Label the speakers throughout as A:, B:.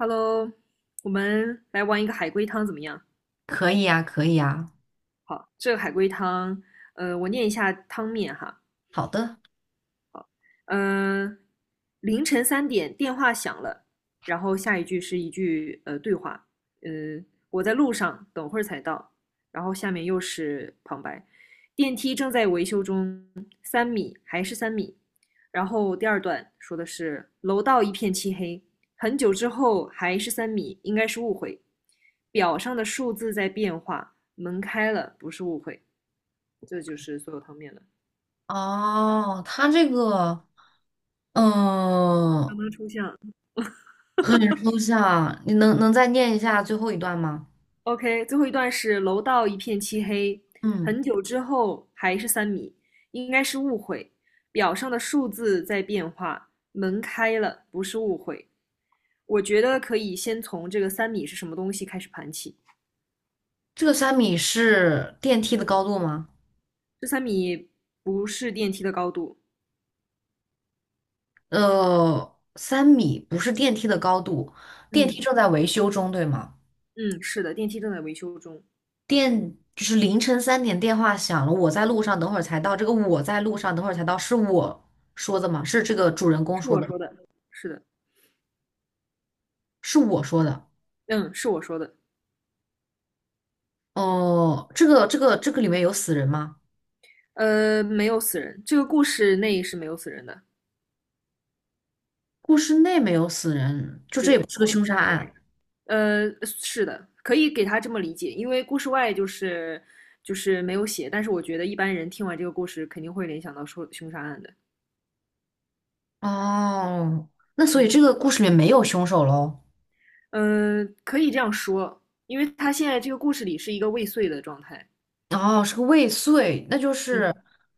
A: Hello，我们来玩一个海龟汤怎么样？
B: 可以呀，可以呀。
A: 好，这个海龟汤，我念一下汤面哈。
B: 好的。
A: 嗯，凌晨三点电话响了，然后下一句是一句对话，嗯，我在路上，等会儿才到。然后下面又是旁白，电梯正在维修中，三米还是三米。然后第二段说的是楼道一片漆黑，很久之后还是三米，应该是误会。表上的数字在变化，门开了不是误会，这就是所有汤面了。
B: 哦，它这个，
A: 刚
B: 嗯，
A: 刚抽象。
B: 很抽象。你能再念一下最后一段吗？
A: OK,最后一段是楼道一片漆黑，
B: 嗯，
A: 很久之后还是三米，应该是误会。表上的数字在变化，门开了，不是误会。我觉得可以先从这个三米是什么东西开始盘起。
B: 这个三米是电梯的高度吗？
A: 这三米不是电梯的高度。
B: 三米不是电梯的高度，电梯
A: 嗯
B: 正在维修中，对吗？
A: 嗯，是的，电梯正在维修中，
B: 电就是凌晨三点电话响了，我在路上，等会儿才到。这个我在路上，等会儿才到，是我说的吗？是这个主人公
A: 是
B: 说
A: 我
B: 的，
A: 说的，是的，
B: 是我说的。
A: 嗯，是我说的。
B: 哦，这个里面有死人吗？
A: 没有死人，这个故事内是没有死人的。
B: 故事内没有死人，就这也
A: 对，
B: 不是个凶杀案。
A: 是的，可以给他这么理解，因为故事外就是没有写，但是我觉得一般人听完这个故事肯定会联想到说凶杀案的。
B: 哦，那所以
A: 嗯
B: 这个故事里面没有凶手喽？
A: 嗯、可以这样说，因为他现在这个故事里是一个未遂的状态。
B: 哦，是个未遂，那就
A: 嗯，
B: 是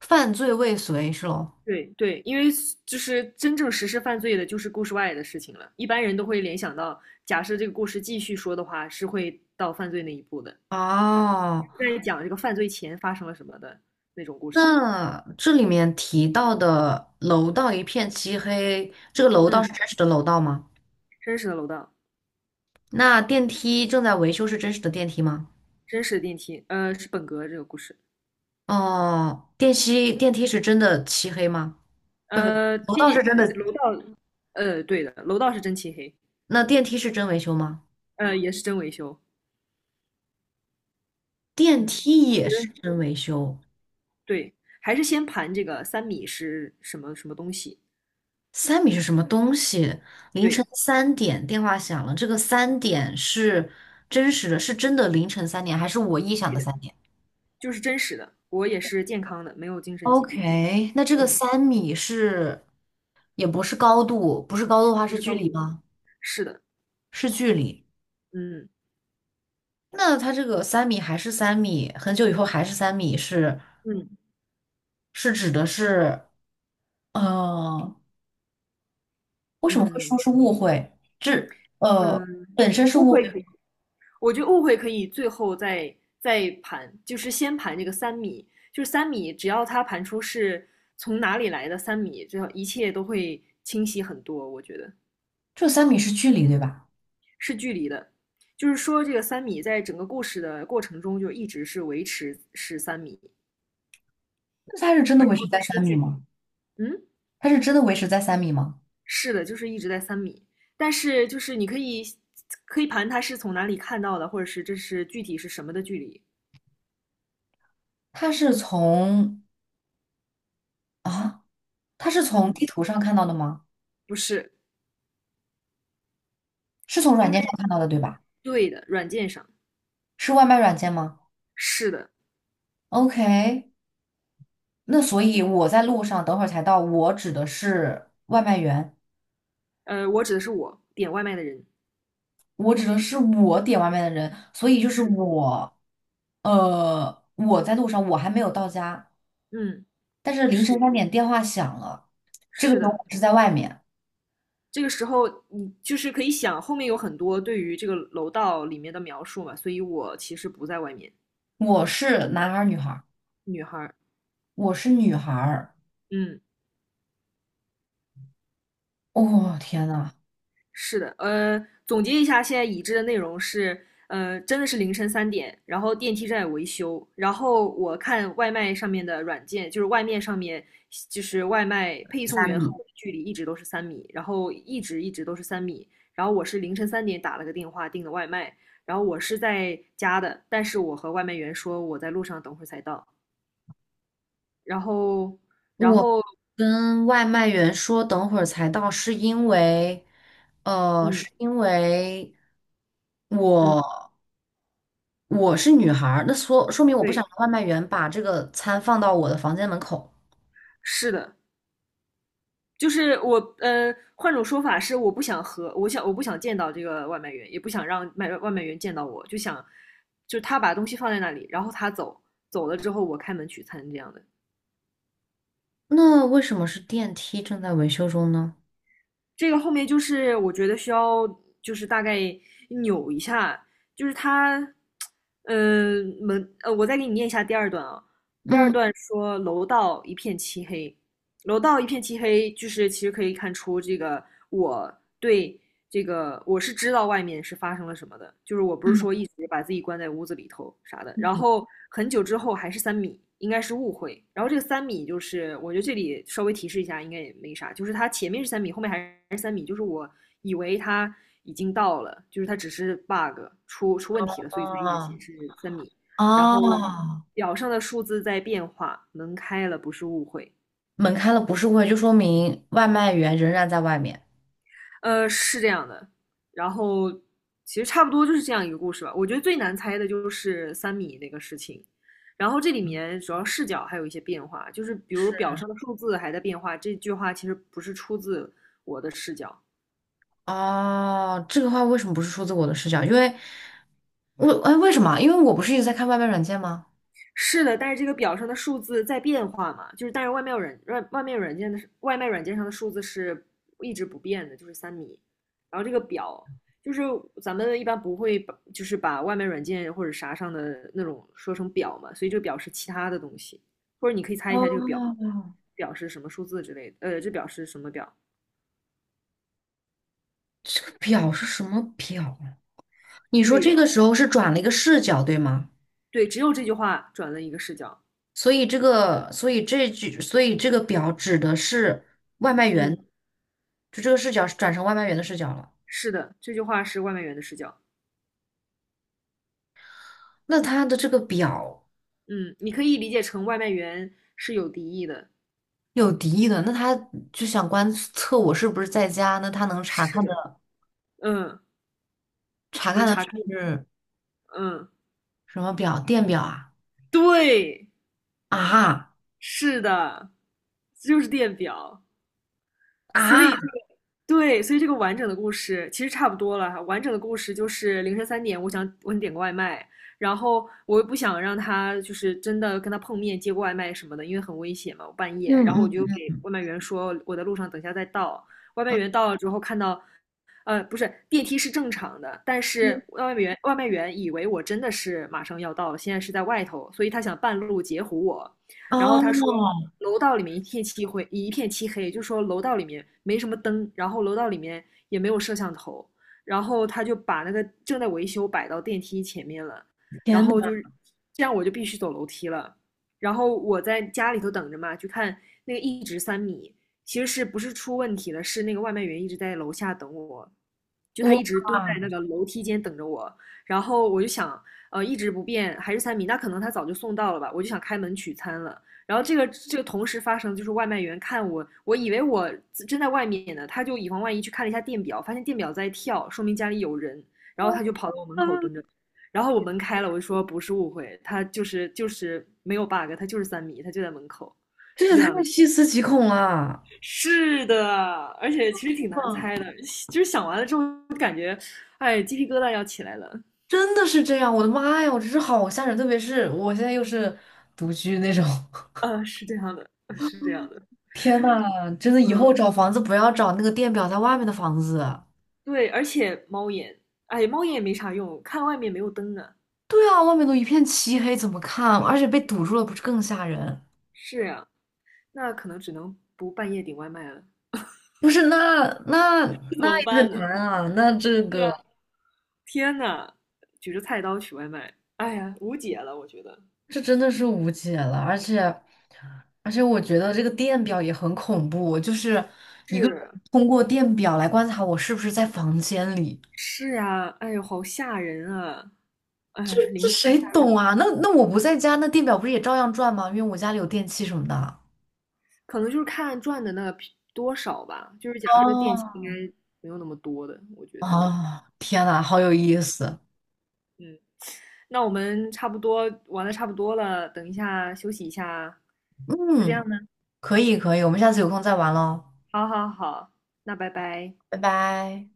B: 犯罪未遂是喽？
A: 对对，因为就是真正实施犯罪的就是故事外的事情了，一般人都会联想到，假设这个故事继续说的话，是会到犯罪那一步的，
B: 哦，
A: 在讲这个犯罪前发生了什么的那种故事。
B: 那这里面提到的楼道一片漆黑，这个楼道是
A: 嗯，
B: 真实的楼道吗？
A: 真实的楼道。
B: 那电梯正在维修是真实的电梯吗？
A: 真实的电梯，是本格这个故事，
B: 哦，电梯电梯是真的漆黑吗？不不，
A: 呃，
B: 楼道是
A: 地
B: 真的，
A: 楼道，对的，楼道是真漆黑，
B: 那电梯是真维修吗？
A: 也是真维修。
B: 电
A: 嗯，
B: 梯
A: 我
B: 也
A: 觉
B: 是
A: 得
B: 真维修。
A: 对，还是先盘这个三米是什么什么东西。
B: 三米是什么东西？凌晨
A: 对，
B: 三点电话响了，这个三点是真实的，是真的凌晨三点，还是我臆想的
A: 对的，
B: 三点
A: 就是真实的，我也是健康的，没有精神疾病。
B: ？OK,那这个
A: 嗯，
B: 三米是，也不是高度，不是高度的话
A: 不
B: 是
A: 是
B: 距
A: 高
B: 离
A: 度，
B: 吗？
A: 是的，
B: 是距离。
A: 嗯
B: 那它这个三米还是三米，很久以后还是三米是，
A: 嗯
B: 是指的是，呃，为什么会
A: 嗯
B: 说是误会？这呃
A: 嗯，
B: 本身是
A: 误
B: 误
A: 会
B: 会，
A: 可以，我觉得误会可以最后再盘，就是先盘这个三米，就是三米，只要它盘出是从哪里来的三米，这一切都会清晰很多。我觉得
B: 这三米是距离对吧？
A: 的，就是说这个三米在整个故事的过程中就一直是维持是三米，
B: 那它是真的
A: 然
B: 维
A: 后
B: 持
A: 它
B: 在
A: 是
B: 三
A: 个距
B: 米
A: 离。
B: 吗？
A: 嗯，
B: 他是真的维持在三米吗？
A: 是的，就是一直在三米，但是就是你可以盘它是从哪里看到的，或者是这是具体是什么的距离。
B: 他是从啊，他是从
A: 嗯，
B: 地图上看到的吗？
A: 不是，
B: 是从软
A: 因为
B: 件上看到的，对吧？
A: 对的，软件上。
B: 是外卖软件吗
A: 是的，
B: ？OK,那所以我在路上等会儿才到，我指的是外卖员，
A: 我指的是我点外卖的人。
B: 我指的是我点外卖的人，所以就是
A: 是，
B: 我，我在路上，我还没有到家，
A: 嗯，
B: 但是凌
A: 是
B: 晨三
A: 的，
B: 点电话响了，这个
A: 是
B: 时候
A: 的。
B: 我是在外面，
A: 这个时候，你就是可以想后面有很多对于这个楼道里面的描述嘛，所以我其实不在外面。
B: 我是男孩儿女孩儿？
A: 女孩儿，
B: 我是女孩儿。
A: 嗯。
B: 哦，天呐，
A: 是的，总结一下，现在已知的内容是，真的是凌晨三点，然后电梯正在维修，然后我看外卖上面的软件，就是外面上面，就是外卖配送
B: 三
A: 员和
B: 米。
A: 我的距离一直都是三米，然后一直一直都是三米，然后我是凌晨三点打了个电话订的外卖，然后我是在家的，但是我和外卖员说我在路上，等会儿才到，然后，然
B: 我
A: 后，
B: 跟外卖员说等会儿才到，是因为，
A: 嗯
B: 是因为
A: 嗯，
B: 我我是女孩儿，那说明我不想
A: 对，
B: 让外卖员把这个餐放到我的房间门口。
A: 是的。就是我换种说法是，我不想见到这个外卖员，也不想让卖外卖员见到我，就想就他把东西放在那里，然后他走了之后，我开门取餐这样的。
B: 那为什么是电梯正在维修中呢？
A: 这个后面就是我觉得需要就是大概扭一下，就是他嗯、呃门呃，我再给你念一下第二段啊。第二
B: 嗯。
A: 段说楼道一片漆黑，楼道一片漆黑，就是其实可以看出这个我对这个我是知道外面是发生了什么的，就是我不是
B: 嗯
A: 说一直把自己关在屋子里头啥的。然
B: 嗯。
A: 后很久之后还是三米，应该是误会。然后这个三米就是，我觉得这里稍微提示一下，应该也没啥，就是它前面是三米，后面还是三米，就是我以为它已经到了，就是它只是 bug 出问题了，所以才一直
B: 啊
A: 显示三米。然后
B: 啊，
A: 表上的数字在变化，门开了不是误会。
B: 门开了不是会，就说明外卖员仍然在外面。
A: 是这样的。然后其实差不多就是这样一个故事吧。我觉得最难猜的就是三米那个事情。然后这里面主要视角还有一些变化，就是比如表上的数字还在变化。这句话其实不是出自我的视角，
B: 哦，这个话为什么不是出自我的视角？因为为什么？因为我不是一直在看外卖软件吗？
A: 是的，但是这个表上的数字在变化嘛，就是但是外卖软外外卖软件的外卖软件上的数字是一直不变的，就是三米。然后这个表就是咱们一般不会把就是把外卖软件或者啥上的那种说成表嘛，所以这个表是其他的东西，或者你可以猜一下这个
B: 哦，
A: 表表示什么数字之类的，这表示什么表？
B: 这个表是什么表啊？你说
A: 对
B: 这
A: 的，
B: 个时候是转了一个视角，对吗？
A: 对，只有这句话转了一个视角。
B: 所以这个，所以这句，所以这个表指的是外卖员，
A: 嗯，
B: 就这个视角是转成外卖员的视角了。
A: 是的，这句话是外卖员的视角。
B: 那他的这个表
A: 嗯，你可以理解成外卖员是有敌意的。
B: 有敌意的，那他就想观测我是不是在家，那他能查
A: 是
B: 看
A: 的，
B: 的
A: 嗯，
B: 查
A: 能
B: 看的
A: 查看，
B: 是
A: 嗯，
B: 什么表？电表啊？
A: 对，
B: 啊。
A: 是的，就是电表。所
B: 啊！
A: 以这个对，所以这个完整的故事其实差不多了哈，完整的故事就是凌晨三点，我想点个外卖，然后我又不想让他就是真的跟他碰面接个外卖什么的，因为很危险嘛，我半夜。
B: 嗯。
A: 然后我就
B: 嗯
A: 给外卖员说我在路上，等一下再到。外卖员到了之后看到，不是，电梯是正常的，但
B: 嗯。
A: 是外卖员以为我真的是马上要到了，现在是在外头，所以他想半路截胡我。然后他说
B: 哦，
A: 楼道里面一片漆黑，就说楼道里面没什么灯，然后楼道里面也没有摄像头，然后他就把那个正在维修摆到电梯前面了，然
B: 天
A: 后
B: 哪，
A: 就是这样我就必须走楼梯了，然后我在家里头等着嘛，就看那个一直三米。其实是不是出问题了？是那个外卖员一直在楼下等我，就他
B: 哇，
A: 一直蹲在那个楼梯间等着我。然后我就想，一直不变还是三米，那可能他早就送到了吧？我就想开门取餐了。然后这个同时发生，就是外卖员看我，我以为我正在外面呢，他就以防万一去看了一下电表，发现电表在跳，说明家里有人，然后他就跑到我门口
B: 嗯，
A: 蹲着，然后我门开了，我就说不是误会，他就是没有 bug,他就是三米，他就在门口，
B: 这
A: 是
B: 也
A: 这样的，
B: 太细思极恐了。
A: 是的，而且其实挺难
B: 啊，
A: 猜的，就是想完了之后感觉，哎，鸡皮疙瘩要起来了，
B: 真的是这样，我的妈呀，我真是好吓人，特别是我现在又是独居那种，
A: 是这样的，是这样的是这样的。
B: 天呐，真的以
A: 嗯，
B: 后找房子不要找那个电表在外面的房子。
A: 对，而且猫眼，哎，猫眼也没啥用，看外面没有灯啊。
B: 对啊，外面都一片漆黑，怎么看？而且被堵住了，不是更吓人？
A: 是呀，那可能只能不半夜点外卖了。
B: 不是，那
A: 这怎
B: 那
A: 么
B: 也很
A: 办呢？
B: 难啊，那这
A: 对
B: 个。
A: 啊，天呐，举着菜刀取外卖，哎呀，无解了，我觉得。
B: 这真的是无解了，而且，而且我觉得这个电表也很恐怖，就是一个人
A: 是
B: 通过电表来观察我是不是在房间里，
A: 是呀，哎呦，好吓人啊！
B: 这
A: 哎，
B: 这
A: 零食
B: 谁
A: 吓人
B: 懂啊？那那我不在家，那电表不是也照样转吗？因为我家里有电器什么的。
A: 可能就是看赚的那个比多少吧。就是假设电器应
B: 哦，
A: 该没有那么多的，我觉得。
B: 哦，天呐，好有
A: 嗯
B: 意思，
A: 嗯，那我们差不多玩的差不多了，等一下休息一下啊，就这
B: 嗯，
A: 样呢。
B: 可以可以，我们下次有空再玩喽，
A: 好好好，那拜拜。
B: 拜拜。